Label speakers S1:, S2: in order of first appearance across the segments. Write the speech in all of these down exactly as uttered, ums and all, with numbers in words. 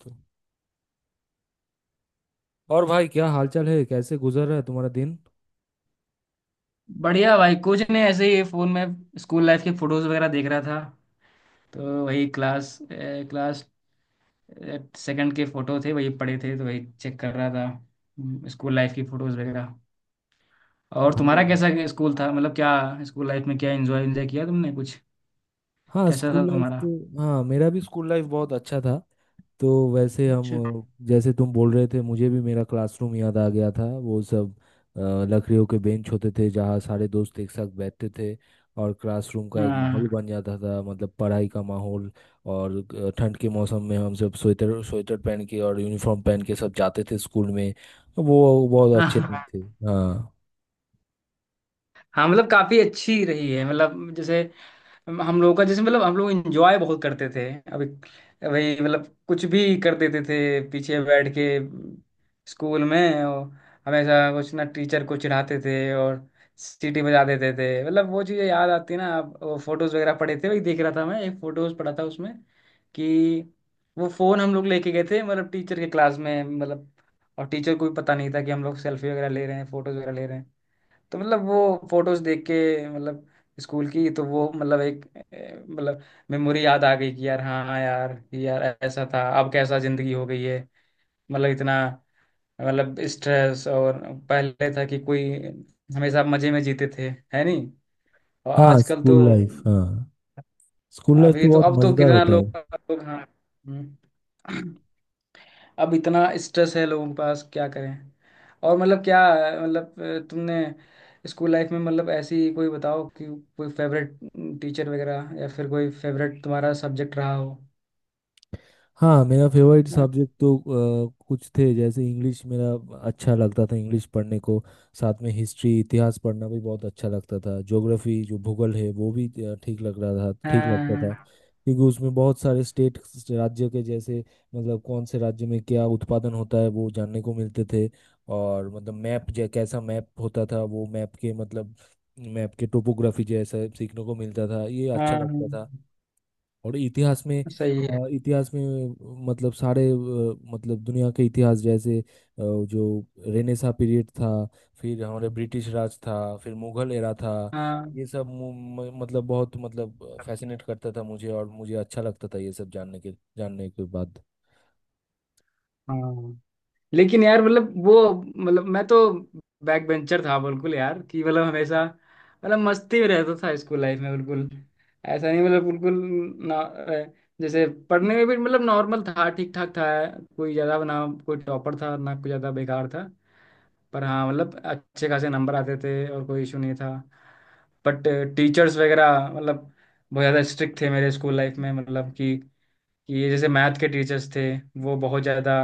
S1: तो और भाई क्या हालचाल है। कैसे गुजर रहा है तुम्हारा दिन।
S2: बढ़िया भाई। कुछ नहीं, ऐसे ही फोन में स्कूल लाइफ के फोटोज वगैरह देख रहा था। तो वही क्लास ए, क्लास सेकंड के फोटो थे, वही पड़े थे तो वही चेक कर रहा था। हम्म, स्कूल लाइफ की फोटोज वगैरह। और
S1: हाँ।
S2: तुम्हारा कैसा स्कूल था? मतलब क्या स्कूल लाइफ में क्या एंजॉय एंजॉय किया तुमने कुछ?
S1: हाँ,
S2: कैसा था
S1: स्कूल लाइफ
S2: तुम्हारा?
S1: तो हाँ मेरा भी स्कूल लाइफ बहुत अच्छा था। तो वैसे हम
S2: अच्छा।
S1: अ, जैसे तुम बोल रहे थे मुझे भी मेरा क्लासरूम याद आ गया था वो सब। अ, लकड़ियों के बेंच होते थे जहाँ सारे दोस्त एक साथ बैठते थे। और क्लासरूम का एक माहौल
S2: हाँ।
S1: बन जाता था मतलब पढ़ाई का माहौल। और अ, ठंड के मौसम में हम सब स्वेटर स्वेटर पहन के और यूनिफॉर्म पहन के सब जाते थे स्कूल में। वो बहुत अच्छे दिन थे। हाँ।
S2: हाँ मतलब काफी अच्छी रही है, मतलब जैसे हम लोगों का जैसे मतलब हम लोग इंजॉय बहुत करते थे। अभी वही, मतलब कुछ भी कर देते थे, पीछे बैठ के स्कूल में। और हमेशा कुछ ना टीचर को चिढ़ाते थे और सीटी बजा देते थे। मतलब वो चीज़ें याद आती ना। आप वो फोटोज वगैरह पड़े थे, वही देख रहा था मैं। एक फोटोज पड़ा था उसमें कि वो फोन हम लोग लेके गए थे, मतलब टीचर के क्लास में। मतलब और टीचर को भी पता नहीं था कि हम लोग सेल्फी वगैरह ले रहे हैं, फोटोज वगैरह ले रहे हैं। तो मतलब वो फोटोज देख के, मतलब स्कूल की, तो वो मतलब एक ए, मतलब मेमोरी याद आ गई। कि यार हाँ यार, कि यार ऐसा था, अब कैसा जिंदगी हो गई है। मतलब इतना मतलब स्ट्रेस। और पहले था कि कोई, हमेशा मजे में जीते थे, है नहीं। और
S1: हाँ
S2: आजकल तो
S1: स्कूल लाइफ। हाँ स्कूल लाइफ तो
S2: अभी तो,
S1: बहुत
S2: अब तो
S1: मजेदार
S2: कितना
S1: होता है।
S2: लोग, लोग, हाँ। हम्म। अब इतना स्ट्रेस है लोगों के पास, क्या करें। और मतलब क्या, मतलब अ, तुमने स्कूल लाइफ में, मतलब ऐसी कोई बताओ कि कोई फेवरेट टीचर वगैरह, या फिर कोई फेवरेट तुम्हारा सब्जेक्ट रहा हो?
S1: हाँ मेरा फेवरेट
S2: हाँ,
S1: सब्जेक्ट तो अ, कुछ थे जैसे इंग्लिश मेरा। अच्छा लगता था इंग्लिश पढ़ने को। साथ में हिस्ट्री इतिहास पढ़ना भी बहुत अच्छा लगता था। ज्योग्राफी जो भूगोल है वो भी अ, ठीक लग रहा था ठीक लगता था।
S2: हाँ
S1: क्योंकि उसमें बहुत सारे स्टेट राज्य के जैसे मतलब कौन से राज्य में क्या उत्पादन होता है वो जानने को मिलते थे। और मतलब मैप जै कैसा मैप होता था वो मैप के मतलब मैप के टोपोग्राफी जैसा सीखने को मिलता था, ये अच्छा
S2: हाँ,
S1: लगता था। और इतिहास में
S2: सही है।
S1: अ, इतिहास में मतलब सारे अ, मतलब दुनिया के इतिहास जैसे अ, जो रेनेसा पीरियड था, फिर हमारे ब्रिटिश राज था, फिर मुगल एरा था।
S2: हाँ।
S1: ये सब मु- म- मतलब बहुत मतलब फैसिनेट करता था मुझे और मुझे अच्छा लगता था ये सब जानने के जानने के बाद।
S2: हाँ। लेकिन यार मतलब वो, मतलब मैं तो बैक बेंचर था बिल्कुल यार। कि मतलब हमेशा मतलब मस्ती में रहता था स्कूल लाइफ में, बिल्कुल। ऐसा नहीं मतलब बिल्कुल ना अ, जैसे पढ़ने में भी मतलब नॉर्मल था, ठीक ठाक था। कोई ज़्यादा, ना कोई टॉपर था, ना कोई ज़्यादा बेकार था। पर हाँ मतलब अच्छे खासे नंबर आते थे, और कोई इशू नहीं था। बट टीचर्स वगैरह मतलब बहुत ज़्यादा स्ट्रिक्ट थे मेरे स्कूल लाइफ में। मतलब कि कि ये जैसे मैथ के टीचर्स थे, वो बहुत ज़्यादा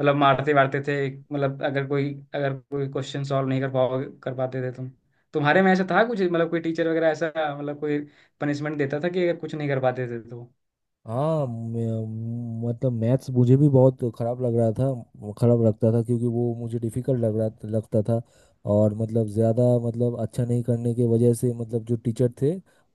S2: मतलब मारते वारते थे। मतलब अगर कोई अगर कोई क्वेश्चन सॉल्व नहीं कर पाओ कर पाते थे तुम। तुम्हारे में ऐसा था कुछ, मतलब कोई टीचर वगैरह ऐसा, मतलब कोई पनिशमेंट देता था कि अगर कुछ नहीं कर पाते थे तो?
S1: हाँ मैं- मतलब मैथ्स मुझे भी बहुत खराब लग रहा था खराब लगता था क्योंकि वो मुझे डिफिकल्ट लग रहा लगता था। और मतलब ज़्यादा मतलब अच्छा नहीं करने के वजह से मतलब जो टीचर थे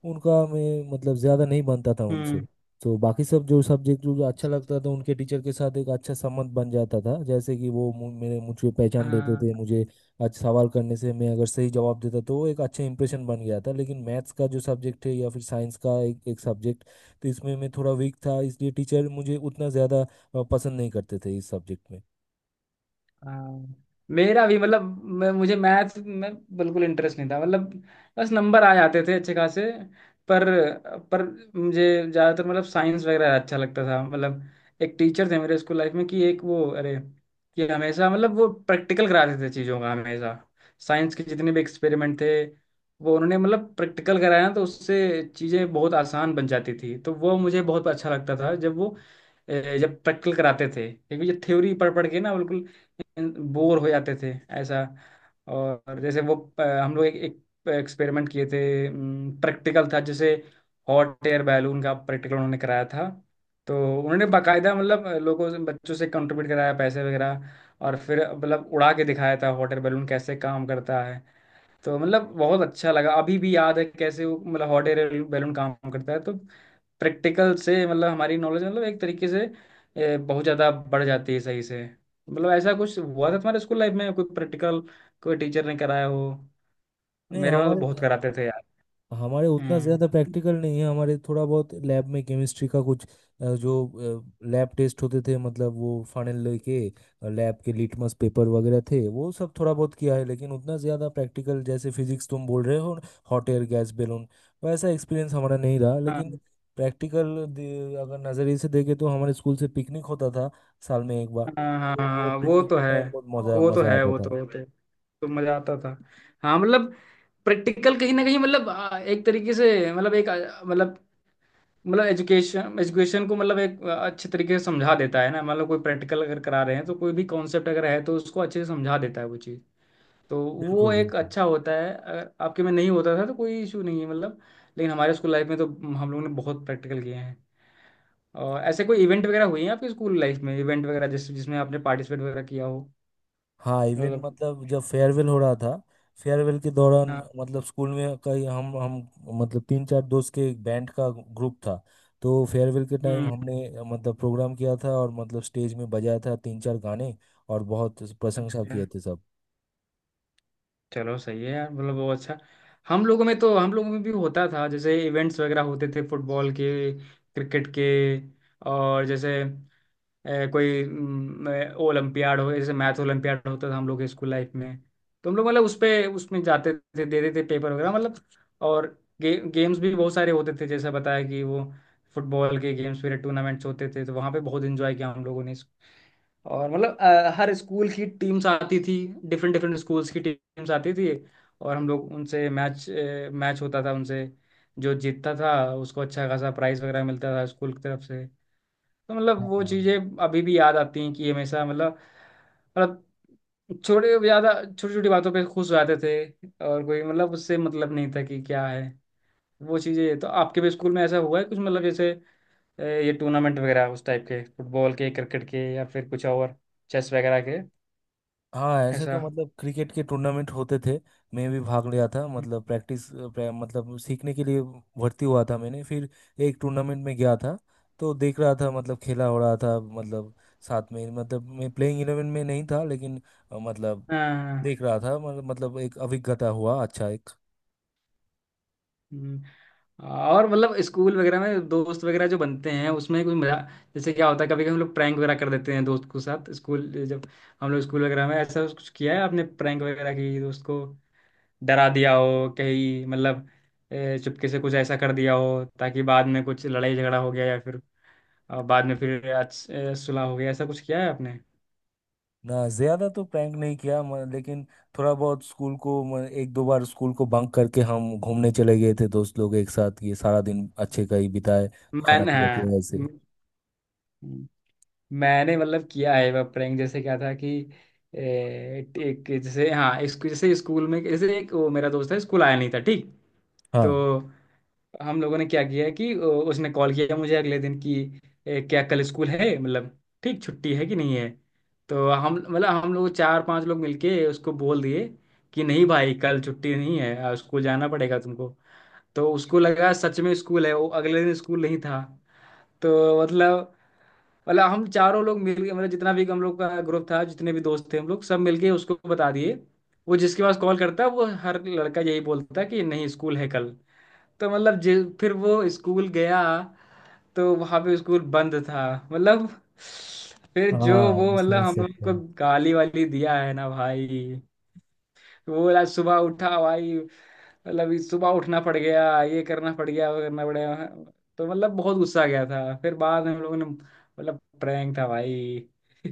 S1: उनका मैं मतलब ज़्यादा नहीं बनता था उनसे।
S2: हम्म।
S1: तो बाकी सब जो सब्जेक्ट जो जो अच्छा लगता था उनके टीचर के साथ एक अच्छा संबंध बन जाता था, जैसे कि वो मु- मेरे मुझे पहचान लेते
S2: हाँ।
S1: थे मुझे। आज सवाल करने से मैं अगर सही जवाब देता तो वो एक अच्छा इंप्रेशन बन गया था। लेकिन मैथ्स का जो सब्जेक्ट है या फिर साइंस का एक एक सब्जेक्ट तो इसमें मैं थोड़ा वीक था, इसलिए टीचर मुझे उतना ज़्यादा अ, पसंद नहीं करते थे इस सब्जेक्ट में।
S2: हाँ, मेरा भी मतलब मैं मुझे मैथ में बिल्कुल इंटरेस्ट नहीं था, मतलब बस नंबर आ जाते थे अच्छे खासे। पर पर मुझे ज़्यादातर मतलब साइंस वगैरह अच्छा लगता था। मतलब एक टीचर थे मेरे स्कूल लाइफ में कि एक वो, अरे कि हमेशा मतलब वो प्रैक्टिकल कराते थे चीज़ों का, हमेशा साइंस के जितने भी एक्सपेरिमेंट थे, वो उन्होंने मतलब प्रैक्टिकल कराया, तो उससे चीज़ें बहुत आसान बन जाती थी। तो वो मुझे बहुत अच्छा लगता था जब वो, ए, जब प्रैक्टिकल कराते थे। क्योंकि ये थ्योरी पढ़ पढ़ के ना बिल्कुल बोर हो जाते थे ऐसा। और जैसे वो अ, हम लोग एक, एक एक्सपेरिमेंट किए थे, प्रैक्टिकल था जैसे हॉट एयर बैलून का प्रैक्टिकल उन्होंने कराया था। तो उन्होंने बकायदा मतलब लोगों से, बच्चों से कंट्रीब्यूट कराया पैसे वगैरह, और फिर मतलब उड़ा के दिखाया था हॉट एयर बैलून कैसे काम करता है। तो मतलब बहुत अच्छा लगा, अभी भी याद है कैसे वो मतलब हॉट एयर बैलून काम करता है। तो प्रैक्टिकल से मतलब हमारी नॉलेज मतलब एक तरीके से ए, बहुत ज़्यादा बढ़ जाती है सही से। मतलब ऐसा कुछ हुआ था तुम्हारे स्कूल लाइफ में, कोई प्रैक्टिकल कोई टीचर ने कराया हो?
S1: नहीं
S2: मेरे वहाँ तो
S1: हमारे
S2: बहुत कराते थे यार।
S1: हमारे उतना ज़्यादा
S2: हम्म।
S1: प्रैक्टिकल नहीं है। हमारे थोड़ा बहुत लैब में केमिस्ट्री का कुछ अ, जो लैब टेस्ट होते थे मतलब वो फाइनल लेके लैब के लिटमस पेपर वगैरह थे, वो सब थोड़ा बहुत किया है। लेकिन उतना ज़्यादा प्रैक्टिकल जैसे फिजिक्स तुम बोल रहे हो हॉट एयर गैस बैलून, वैसा एक्सपीरियंस हमारा नहीं रहा। लेकिन
S2: हाँ।
S1: प्रैक्टिकल अगर नज़रिए से देखें तो हमारे स्कूल से पिकनिक होता था साल में एक बार,
S2: हाँ हाँ
S1: तो वो
S2: हाँ, वो
S1: पिकनिक
S2: तो
S1: के
S2: है,
S1: टाइम बहुत मज़ा
S2: वो तो
S1: मज़ा
S2: है,
S1: आता
S2: वो
S1: था।
S2: तो वो तो तो मजा आता था। हाँ मतलब प्रैक्टिकल कहीं ना कहीं मतलब आ, एक तरीके से, मतलब एक आ, मतलब मतलब एजुकेशन एजुकेशन को मतलब एक अच्छे तरीके से समझा देता है ना। मतलब कोई प्रैक्टिकल अगर करा रहे हैं तो कोई भी कॉन्सेप्ट अगर है तो उसको अच्छे से समझा देता है वो चीज़। तो वो
S1: बिल्कुल
S2: एक
S1: बिल्कुल।
S2: अच्छा होता है, अगर आपके में नहीं होता था तो कोई इशू नहीं है मतलब। लेकिन हमारे स्कूल लाइफ में तो हम लोगों ने बहुत प्रैक्टिकल किए हैं। और ऐसे कोई इवेंट वगैरह हुई है आपके स्कूल लाइफ में, इवेंट वगैरह जिस जिसमें आपने पार्टिसिपेट वगैरह किया हो?
S1: हाँ इवेंट
S2: मतलब।
S1: मतलब जब फेयरवेल हो रहा था, फेयरवेल के दौरान
S2: हाँ।
S1: मतलब स्कूल में कई हम हम मतलब तीन चार दोस्त के एक बैंड का ग्रुप था। तो फेयरवेल के टाइम
S2: हम्म।
S1: हमने अ, मतलब प्रोग्राम किया था और मतलब स्टेज में बजाया था तीन चार गाने। और बहुत प्रशंसा
S2: अच्छा।
S1: किए थे सब।
S2: चलो सही है यार, मतलब वो अच्छा। हम लोगों में तो हम लोगों में भी होता था जैसे। इवेंट्स वगैरह होते थे फुटबॉल के, क्रिकेट के। और जैसे ए, कोई म, ओलंपियाड हो, जैसे मैथ ओलंपियाड होता था हम लोग के स्कूल लाइफ में। तो हम लोग मतलब उस पे उसमें जाते थे, दे देते थे पेपर वगैरह मतलब। और गे, गेम्स भी बहुत सारे होते थे, जैसा बताया कि वो फुटबॉल के गेम्स वगैरह टूर्नामेंट्स होते थे। तो वहाँ पे बहुत एंजॉय किया हम लोगों ने इस- और मतलब अ, हर स्कूल की टीम्स आती थी, डिफरेंट डिफरेंट स्कूल्स की टीम्स आती थी, और हम लोग उनसे मैच, मैच होता था उनसे। जो जीतता था उसको अच्छा खासा प्राइज वगैरह मिलता था स्कूल की तरफ से। तो मतलब वो चीज़ें अभी भी याद आती हैं, कि हमेशा मतलब, मतलब छोटे ज़्यादा छोटी छोटी बातों पे खुश हो जाते थे, और कोई मतलब उससे मतलब नहीं था कि क्या है। वो चीज़ें तो आपके भी स्कूल में ऐसा हुआ है कुछ, मतलब जैसे अ, ये टूर्नामेंट वगैरह उस टाइप के, फुटबॉल के, क्रिकेट के, या फिर कुछ और, चेस वगैरह के?
S1: हाँ ऐसे
S2: ऐसा।
S1: तो मतलब क्रिकेट के टूर्नामेंट होते थे। मैं भी भाग लिया था मतलब प्रैक्टिस प्रैक, मतलब सीखने के लिए भर्ती हुआ था मैंने। फिर एक टूर्नामेंट में गया था, तो देख रहा था मतलब खेला हो रहा था मतलब साथ में मतलब मैं प्लेइंग इलेवन में नहीं था लेकिन अ, मतलब
S2: हाँ, हाँ।
S1: देख रहा था मतलब मतलब एक अभिज्ञता हुआ अच्छा एक।
S2: हम्म। और मतलब स्कूल वगैरह में दोस्त वगैरह जो बनते हैं उसमें कोई मजा, जैसे क्या होता है कभी कभी हम लोग प्रैंक वगैरह कर देते हैं दोस्त के साथ स्कूल जब, हम लोग स्कूल वगैरह में। ऐसा कुछ किया है आपने प्रैंक वगैरह, की दोस्त को डरा दिया हो कहीं, मतलब ए, चुपके से कुछ ऐसा कर दिया हो ताकि बाद में कुछ लड़ाई झगड़ा हो गया, या फिर अ, बाद में फिर अच्छ- ए, सुलह हो गया, ऐसा कुछ किया है आपने?
S1: ना ज्यादा तो प्रैंक नहीं किया म- लेकिन थोड़ा बहुत स्कूल को म- एक दो बार स्कूल को बंक करके हम घूमने चले गए थे दोस्त लोग एक साथ, ये सारा दिन अच्छे का ही बिताए। खाना
S2: मैंने,
S1: पीना
S2: हाँ।
S1: किया ऐसे।
S2: मैंने मतलब किया है वह प्रैंक। जैसे क्या था कि ए, एक जैसे, हाँ इसको जैसे स्कूल में, जैसे एक वो मेरा दोस्त है, स्कूल आया नहीं था, ठीक।
S1: हाँ।
S2: तो हम लोगों ने क्या किया कि ओ, उसने कॉल किया मुझे अगले दिन, कि ए, क्या कल स्कूल है, मतलब ठीक, छुट्टी है कि नहीं है। तो हम मतलब हम लोग चार पांच लोग मिलके उसको बोल दिए कि नहीं भाई कल छुट्टी नहीं है, आ, स्कूल जाना पड़ेगा तुमको। तो उसको लगा सच में स्कूल है, वो अगले दिन, स्कूल नहीं था। तो मतलब, मतलब हम चारों लोग मिल के, मतलब जितना भी हम लोग का ग्रुप था, जितने भी दोस्त थे, हम लोग सब मिलके उसको बता दिए। वो जिसके पास कॉल करता वो हर लड़का यही बोलता कि नहीं स्कूल है कल। तो मतलब जे- फिर वो स्कूल गया तो वहाँ पे स्कूल बंद था मतलब। फिर जो वो
S1: हाँ
S2: मतलब
S1: समझ
S2: हम लोग
S1: सकते
S2: को
S1: हैं।
S2: गाली वाली दिया है ना भाई, पूरा सुबह उठा भाई, मतलब इस सुबह उठना पड़ गया, ये करना पड़ गया, वो करना पड़ गया। तो मतलब बहुत गुस्सा आ गया था। फिर बाद में हम लोगों ने मतलब, प्रैंक था भाई।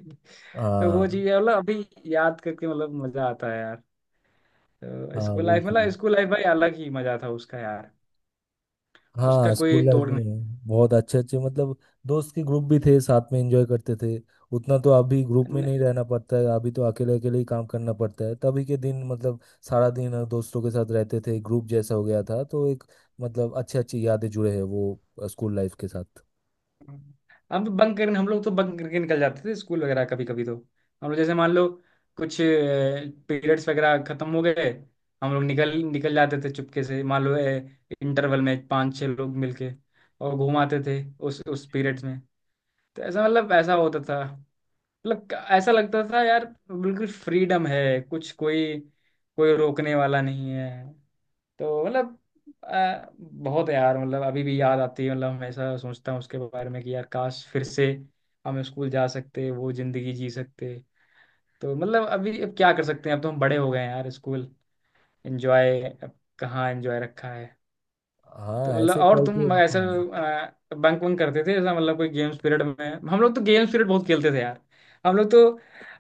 S2: तो वो
S1: हाँ।
S2: चीज मतलब अभी याद करके मतलब मजा आता है यार। तो
S1: हाँ
S2: स्कूल लाइफ,
S1: बिल्कुल।
S2: मतलब स्कूल लाइफ भाई अलग ही मजा था उसका यार, उसका
S1: हाँ स्कूल
S2: कोई
S1: लाइफ
S2: तोड़
S1: में बहुत अच्छे अच्छे मतलब दोस्त के ग्रुप भी थे, साथ में एंजॉय करते थे। उतना तो अभी ग्रुप में
S2: नहीं।
S1: नहीं रहना पड़ता है, अभी तो अकेले अकेले ही काम करना पड़ता है। तभी के दिन मतलब सारा दिन दोस्तों के साथ रहते थे, ग्रुप जैसा हो गया था तो एक मतलब अच्छे अच्छी यादें जुड़े हैं वो स्कूल लाइफ के साथ।
S2: हम तो बंक करने हम लोग तो बंक करके निकल जाते थे स्कूल वगैरह। कभी कभी तो हम लोग, जैसे मान लो कुछ पीरियड्स वगैरह खत्म हो गए, हम लोग निकल निकल जाते थे चुपके से। मान लो इंटरवल में पांच छह लोग मिलके, और घुमाते थे उस उस पीरियड्स में। तो ऐसा मतलब ऐसा होता था। मतलब क- ऐसा लगता था यार बिल्कुल फ्रीडम है, कुछ कोई, कोई रोकने वाला नहीं है। तो मतलब आ, बहुत यार, मतलब अभी भी याद आती है, मतलब हमेशा सोचता हूँ उसके बारे में कि यार काश फिर से हम स्कूल जा सकते, वो जिंदगी जी सकते। तो मतलब अभी, अब क्या कर सकते हैं, अब तो हम बड़े हो गए हैं यार। स्कूल एंजॉय, कहाँ एंजॉय रखा है। तो
S1: हाँ
S2: मतलब
S1: ऐसे
S2: और
S1: पल तो
S2: तुम ऐसा
S1: हाँ।
S2: बंक वंक करते थे ऐसा, मतलब कोई गेम्स पीरियड में? हम लोग तो गेम्स पीरियड बहुत खेलते थे यार। हम लोग तो,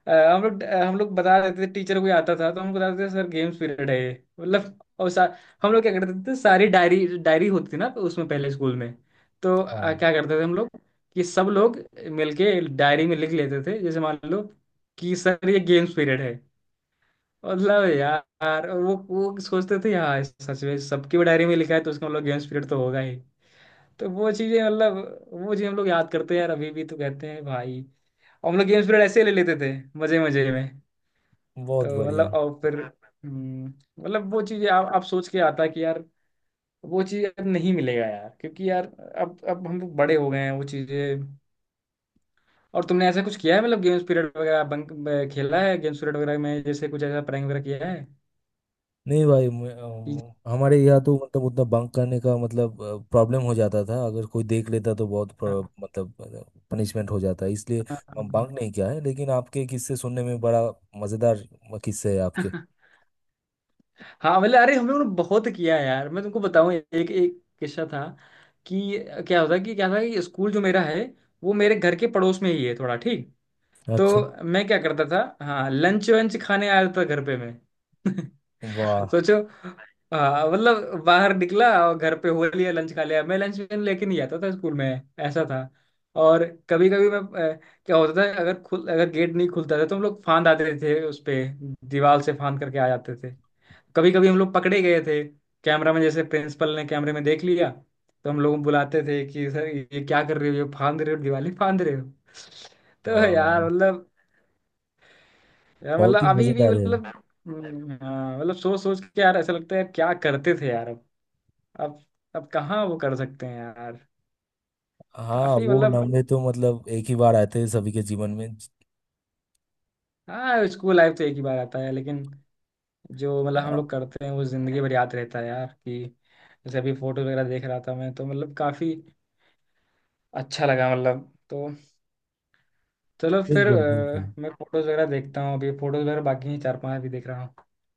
S2: अ, हम लोग हम लोग बता देते थे, टीचर कोई आता था तो हमको बताते थे, सर गेम्स पीरियड है ये, मतलब। और सा, हम लोग क्या करते थे, सारी डायरी, डायरी होती थी ना उसमें पहले स्कूल में। तो अ,
S1: हाँ,
S2: क्या करते थे हम लोग कि सब लोग मिलके डायरी में लिख लेते थे, जैसे मान लो कि सर ये गेम्स पीरियड है। मतलब यार, और वो वो सोचते थे यार सच में, सबकी डायरी में लिखा है तो उसका मतलब गेम्स पीरियड तो होगा ही। तो वो चीजें मतलब, वो चीज हम लोग याद करते हैं यार अभी भी, तो कहते हैं भाई। और हम लोग गेम्स पीरियड ऐसे ही ले लेते थे, मजे मजे में।
S1: बहुत
S2: तो
S1: बढ़िया।
S2: मतलब और फिर हम्म, मतलब वो चीजें, आप आप सोच के आता है कि यार वो चीज अब नहीं मिलेगा यार, क्योंकि यार अब अब हम लोग बड़े हो गए हैं, वो चीजें। और तुमने ऐसा कुछ किया है, मतलब गेम्स पीरियड वगैरह बंक ब- खेला है गेम्स पीरियड वगैरह में, जैसे कुछ ऐसा प्रैंक वगैरह किया है?
S1: नहीं भाई मैं-
S2: कि-
S1: अम, हमारे यहाँ तो मतलब उतना बंक करने का मतलब प्रॉब्लम हो जाता था। अगर कोई देख लेता तो बहुत प्र-
S2: हाँ,
S1: मतलब पनिशमेंट हो जाता है, इसलिए हम बंक
S2: हाँ,
S1: नहीं किया है। लेकिन आपके किस्से सुनने में बड़ा मज़ेदार किस्से है आपके।
S2: हाँ। हाँ मतलब अरे हम लोगों ने बहुत किया है यार। मैं तुमको बताऊं एक एक किस्सा था कि, क्या होता, कि क्या था कि, स्कूल जो मेरा है वो मेरे घर के पड़ोस में ही है थोड़ा, ठीक।
S1: अच्छा।
S2: तो मैं क्या करता था, हाँ लंच वंच खाने आ जाता था घर पे मैं।
S1: वाह।
S2: सोचो। हाँ मतलब बाहर निकला और घर पे हो लिया, लंच खा लिया। मैं लंच लेके नहीं आता था स्कूल में, ऐसा था। और कभी कभी मैं अ, क्या होता था, अगर खुल, अगर गेट नहीं खुलता था तो हम लोग फांद आते थे उस पे, दीवार से फांद करके आ जाते थे। कभी कभी हम लोग पकड़े गए थे कैमरा में, जैसे प्रिंसिपल ने कैमरे में देख लिया। तो हम लोग बुलाते थे कि सर ये क्या कर रहे हो, ये फांद रहे हो, दिवाली फांद रहे हो। तो यार
S1: वाह,
S2: मतलब, यार
S1: बहुत
S2: मतलब
S1: ही
S2: अभी भी
S1: मज़ेदार है।
S2: मतलब, हम्म, हाँ, मतलब सोच सोच के यार ऐसा लगता है यार, क्या करते थे यार अब। अब अब कहाँ वो कर सकते हैं यार।
S1: हाँ
S2: काफी
S1: वो
S2: मतलब,
S1: लम्हे तो मतलब एक ही बार आते हैं सभी के जीवन में।
S2: हाँ स्कूल लाइफ तो एक ही बार आता है, लेकिन जो मतलब हम
S1: हाँ,
S2: लोग करते हैं वो जिंदगी भर याद रहता है यार कि, जैसे अभी फोटो वगैरह देख रहा था मैं तो मतलब काफी अच्छा लगा मतलब। तो चलो फिर
S1: बिल्कुल
S2: अ,
S1: बिल्कुल।
S2: मैं फोटोज वगैरह देखता हूँ, अभी फोटोज वगैरह बाकी हैं चार पांच, अभी देख रहा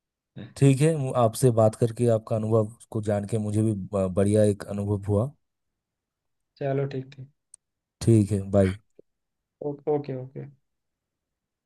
S2: हूँ।
S1: ठीक है मु- आपसे बात करके आपका अनुभव को जान के मुझे भी ब- बढ़िया एक अनुभव हुआ।
S2: चलो ठीक ठीक।
S1: ठीक है बाय।
S2: Okay okay okay.